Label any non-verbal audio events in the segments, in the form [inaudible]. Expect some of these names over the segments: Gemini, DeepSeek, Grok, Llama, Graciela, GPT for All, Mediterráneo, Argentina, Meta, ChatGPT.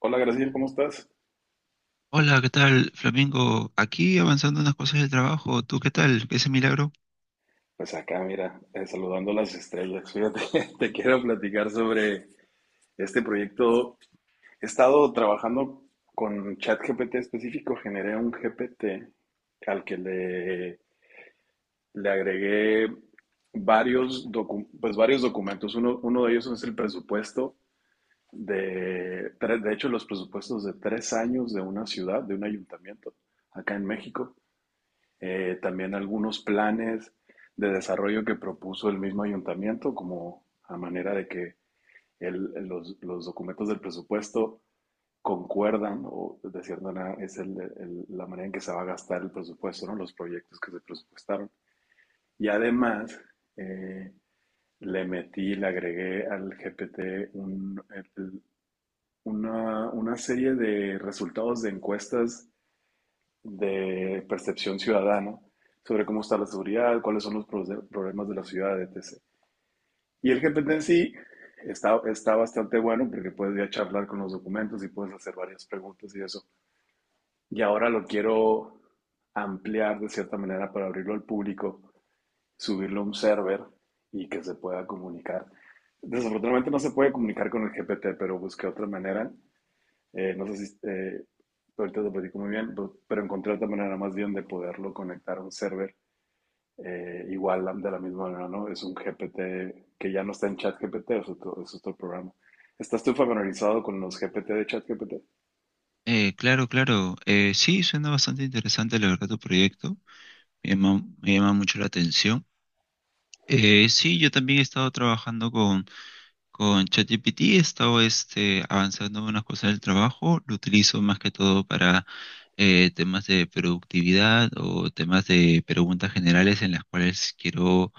Hola, Graciela, ¿cómo estás? Hola, ¿qué tal, Flamingo? Aquí avanzando unas cosas del trabajo. ¿Tú qué tal? ¿Ese milagro? Pues acá, mira, saludando las estrellas. Fíjate, [laughs] te quiero platicar sobre este proyecto. He estado trabajando con ChatGPT específico, generé un GPT al que le agregué pues varios documentos. Uno de ellos es el presupuesto de hecho, los presupuestos de 3 años de una ciudad, de un ayuntamiento acá en México. También algunos planes de desarrollo que propuso el mismo ayuntamiento, como a manera de que los documentos del presupuesto concuerdan, o de cierta manera es la manera en que se va a gastar el presupuesto, ¿no? Los proyectos que se presupuestaron. Y además, eh, le agregué al GPT el- una serie de resultados de encuestas de percepción ciudadana sobre cómo está la seguridad, cuáles son los problemas de la ciudad, etc. Y el GPT en sí está bastante bueno porque puedes ya charlar con los documentos y puedes hacer varias preguntas y eso. Y ahora lo quiero ampliar de cierta manera para abrirlo al público, subirlo a un server y que se pueda comunicar. Desafortunadamente no se puede comunicar con el GPT, pero busqué otra manera no sé si ahorita te platico muy bien, pero encontré otra manera más bien de poderlo conectar a un server igual de la misma manera, ¿no? Es un GPT que ya no está en ChatGPT, es otro programa. ¿Estás tú familiarizado con los GPT de ChatGPT? Claro, claro. Sí, suena bastante interesante, la verdad, tu proyecto. Me llama mucho la atención. Sí, yo también he estado trabajando con ChatGPT. He estado este, avanzando en unas cosas del trabajo. Lo utilizo más que todo para temas de productividad o temas de preguntas generales en las cuales quiero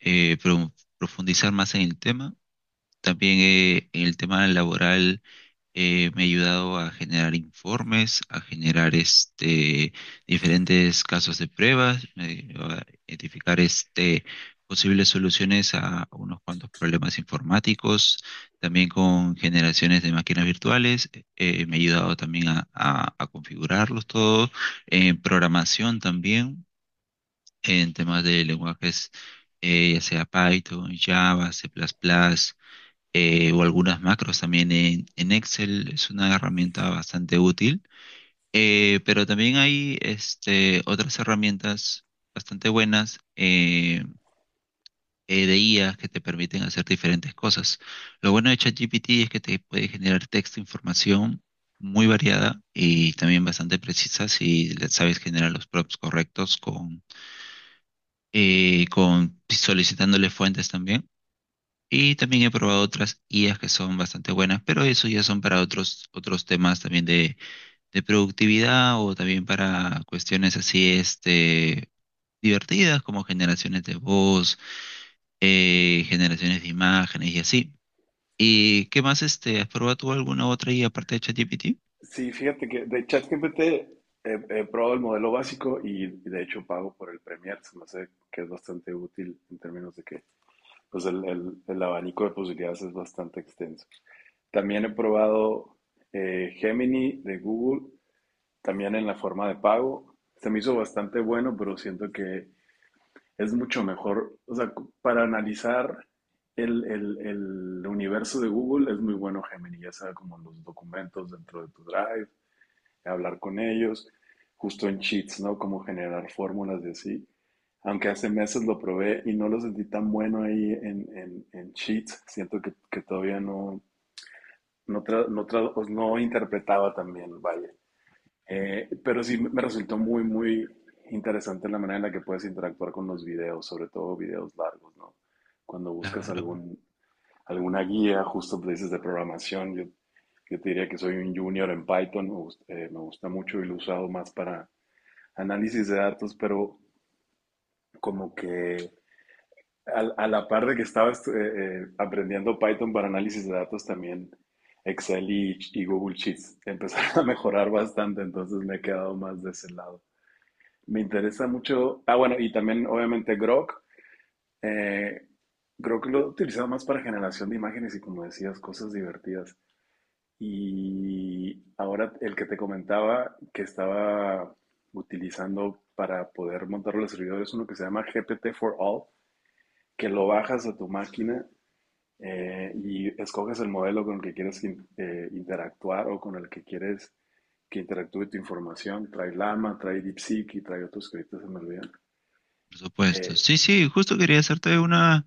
eh, pro- profundizar más en el tema. También el tema laboral me ha ayudado a generar informes, a generar este, diferentes casos de pruebas, me ayudó a identificar este, posibles soluciones a unos cuantos problemas informáticos, también con generaciones de máquinas virtuales, me ha ayudado también a configurarlos todos, en programación también, en temas de lenguajes, ya sea Python, Java, C++ o algunas macros también en Excel. Es una herramienta bastante útil. Pero también hay este, otras herramientas bastante buenas de IA que te permiten hacer diferentes cosas. Lo bueno de ChatGPT es que te puede generar texto, información muy variada y también bastante precisa si le sabes generar los prompts correctos con solicitándole fuentes también. Y también he probado otras IAs que son bastante buenas, pero eso ya son para otros temas también de productividad o también para cuestiones así, este, divertidas como generaciones de voz, generaciones de imágenes y así. ¿Y qué más, este, has probado tú alguna otra IA aparte de ChatGPT? Sí, fíjate que de ChatGPT he probado el modelo básico y de hecho pago por el Premier, se me hace que es bastante útil en términos de que pues el abanico de posibilidades es bastante extenso. También he probado Gemini de Google, también en la forma de pago. Se me hizo bastante bueno, pero siento que es mucho mejor. O sea, para analizar el universo de Google es muy bueno Gemini, ya sea como los documentos dentro de tu Drive hablar con ellos, justo en cheats, ¿no? Como generar fórmulas de así. Aunque hace meses lo probé y no lo sentí tan bueno ahí en cheats, siento que todavía pues, no interpretaba tan bien, vaya. Pero sí me resultó muy interesante la manera en la que puedes interactuar con los videos, sobre todo videos largos, ¿no? Cuando buscas Claro. Alguna guía, justo dices de programación, yo te diría que soy un junior en Python, gusta me gusta mucho y lo he usado más para análisis de datos, pero como que la par de que estaba aprendiendo Python para análisis de datos, también Excel y Google Sheets [laughs] empezaron a mejorar bastante, entonces me he quedado más de ese lado. Me interesa mucho, ah bueno, y también obviamente Grok, eh, creo lo he utilizado más para generación de imágenes y como decías, cosas divertidas. Y ahora el que te comentaba que estaba utilizando para poder montar los servidores es uno que se llama GPT for All, que lo bajas a tu máquina y escoges el modelo con el que quieres interactuar o con el que quieres que interactúe tu información. Trae llama, trae DeepSeek y trae otros que ahorita se me olvidan. Por supuesto. Eh, Sí, sí, justo quería hacerte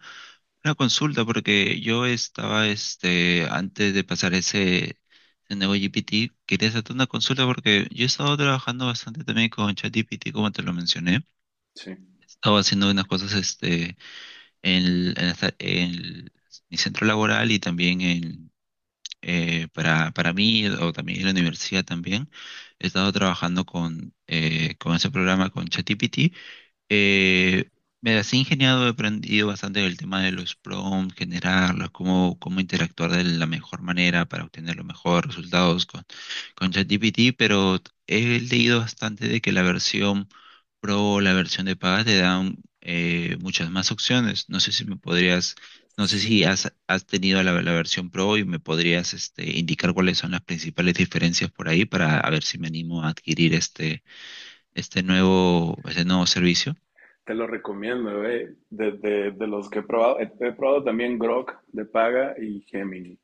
una consulta porque yo estaba, este, antes de pasar ese nuevo GPT, quería hacerte una consulta porque yo he estado trabajando bastante también con ChatGPT, como te lo mencioné. sí, Estaba haciendo unas cosas, este, en, el- en esta- en el- mi centro laboral y también para mí o también en la universidad también. He estado trabajando con ese programa, con ChatGPT. Eh, Me las he ingeniado, he aprendido bastante del tema de los prompts, generarlos, cómo interactuar de la mejor manera para obtener los mejores resultados con ChatGPT, pero he leído bastante de que la versión Pro o la versión de paga te dan muchas más opciones. No sé si me podrías, no sé sí, si has, has tenido la versión Pro y me podrías este, indicar cuáles son las principales diferencias por ahí para a ver si me animo a adquirir este, este nuevo servicio. te lo recomiendo, eh. De los que he probado, he probado también Grok de paga y Gemini.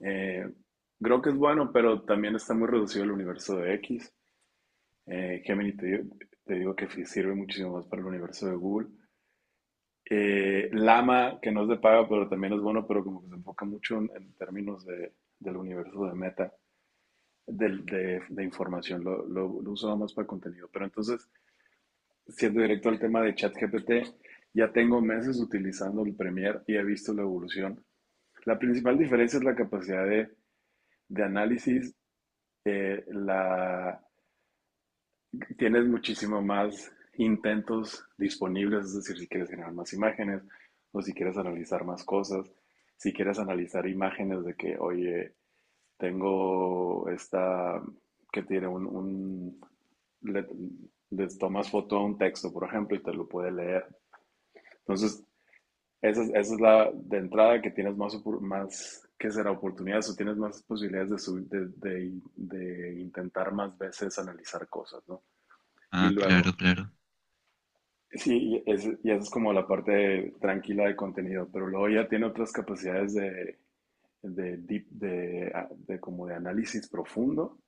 Eh, Creo que es bueno, pero también está muy reducido el universo de X. Eh, Gemini te, digo- te digo que sí sirve muchísimo más para el universo de Google. Llama, que no es de paga, pero también es bueno, pero como que se enfoca mucho en términos del universo de Meta, de información. Lo usaba más para contenido. Pero entonces, siendo directo al tema de ChatGPT, ya tengo meses utilizando el Premiere y he visto la evolución. La principal diferencia es la capacidad de análisis, eh, la, tienes muchísimo más intentos disponibles, es decir, si quieres generar más imágenes o si quieres analizar más cosas, si quieres analizar imágenes de que, oye, tengo esta que tiene un le, le tomas foto a un texto, por ejemplo, y te lo puede leer. Entonces, esa es la de entrada que tienes más, más que será oportunidades o tienes más posibilidades de, sub, de intentar más veces analizar cosas, ¿no? Y Ah, luego, claro, claro. sí, y esa es como la parte tranquila de contenido, pero luego ya tiene otras capacidades de como de análisis profundo,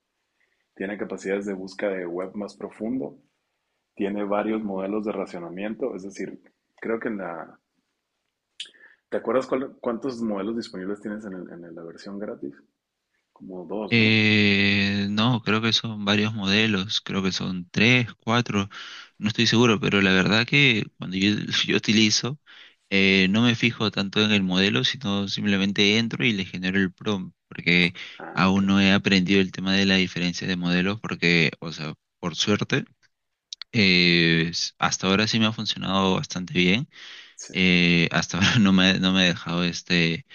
tiene capacidades de búsqueda de web más profundo, tiene varios modelos de racionamiento, es decir, creo que en la... ¿Te acuerdas cuántos modelos disponibles tienes en, la versión gratis? Como dos, ¿no? No, creo que son varios modelos, creo que son tres, cuatro, no estoy seguro, pero la verdad que cuando yo, [laughs] yo utilizo, no me fijo tanto en el modelo, sino simplemente entro y le genero el prompt, porque Ah, ok. aún no he aprendido el tema de la diferencia de modelos, porque, o sea, por suerte, hasta ahora sí me ha funcionado bastante bien, Sí. Hasta [laughs] ahora no me ha dejado este,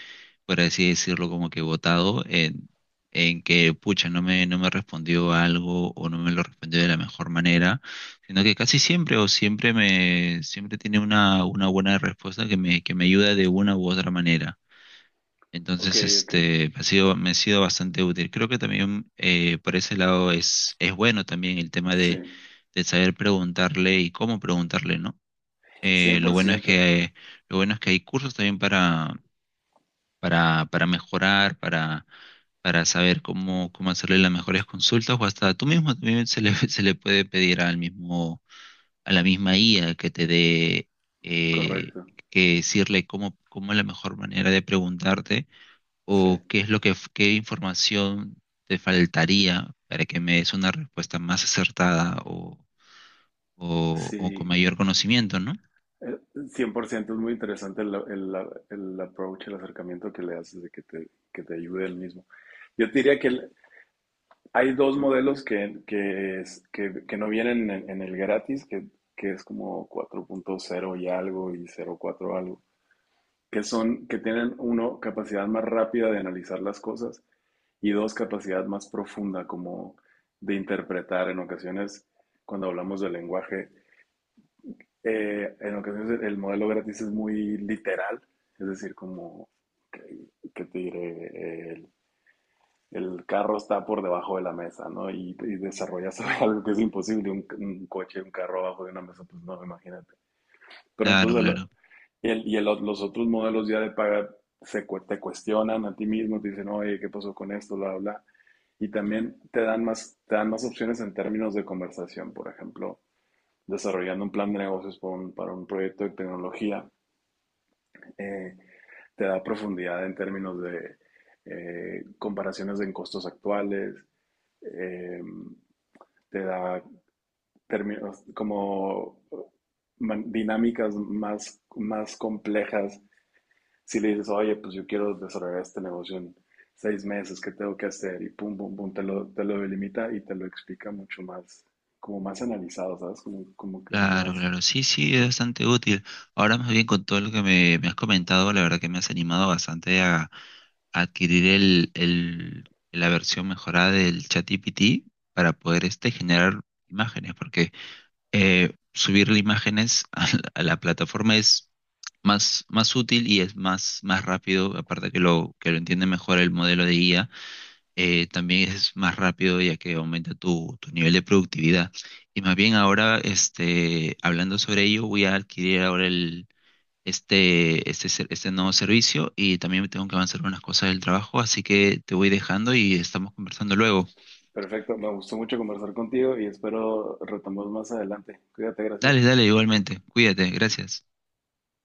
por así decirlo, como que votado en que, pucha, no me respondió algo o no me lo respondió de la mejor manera, sino que casi siempre o siempre me, siempre tiene una buena respuesta que me ayuda de una u otra manera. Ok, Entonces, ok. este, ha sido, me ha sido bastante útil. Creo que también por ese lado es bueno también el tema Sí. de saber preguntarle y cómo preguntarle, ¿no? Eh, Cien lo por bueno es ciento. que, lo bueno es que hay cursos también para mejorar, para saber cómo hacerle las mejores consultas o hasta tú mismo también se le, [laughs] se le puede pedir al mismo, a la misma IA que te dé, eh, Correcto. que decirle cómo es la mejor manera de preguntarte Sí. o qué es lo que, qué información te faltaría para que me des una respuesta más acertada o con Sí. mayor conocimiento, ¿no? Eh, 100% es muy interesante el approach, el acercamiento que le haces de que que te ayude el mismo. Yo te diría que hay dos modelos que no vienen en el gratis, que es como cuatro punto cero y algo y cero cuatro algo, que tienen uno, capacidad más rápida de analizar las cosas y dos, capacidad más profunda como de interpretar en ocasiones cuando hablamos del lenguaje, en ocasiones el modelo gratis es muy literal, es decir, como que, que te diré, el carro está por debajo de la mesa, ¿no? Y desarrollas [laughs] algo que es imposible, coche, un carro abajo de una mesa, pues no, imagínate. Pero Claro, entonces, claro. Y los otros modelos ya de paga te cuestionan a ti mismo, te dicen, oye, ¿qué pasó con esto? Bla, bla. Y también te dan más opciones en términos de conversación, por ejemplo desarrollando un plan de negocios para para un proyecto de tecnología, eh, te da profundidad en términos de comparaciones en costos actuales, eh, te da términos como dinámicas más, más complejas. Si le dices, oye, pues yo quiero desarrollar este negocio en 6 meses, ¿qué tengo que hacer? Y pum, pum, pum, te lo delimita y te lo explica mucho más, como más analizado, ¿sabes? Como, como que Claro, más... claro, sí, sí, es bastante útil. Ahora más bien con todo lo que me has comentado, la verdad que me has animado bastante a adquirir la versión mejorada del ChatGPT para poder este, generar imágenes, porque subirle imágenes [laughs] a a la plataforma es más, más útil y es más, más rápido, aparte que lo entiende mejor el modelo de IA también es más rápido ya que aumenta tu, tu nivel de productividad. Y más bien ahora, este, hablando sobre ello, voy a adquirir ahora el, este, ser- este nuevo servicio y también tengo que avanzar unas cosas del trabajo, así que te voy dejando y estamos conversando luego. Perfecto, me gustó mucho conversar contigo y espero retomemos más adelante. Cuídate, Graciela. Dale, dale, igualmente. Cuídate, gracias.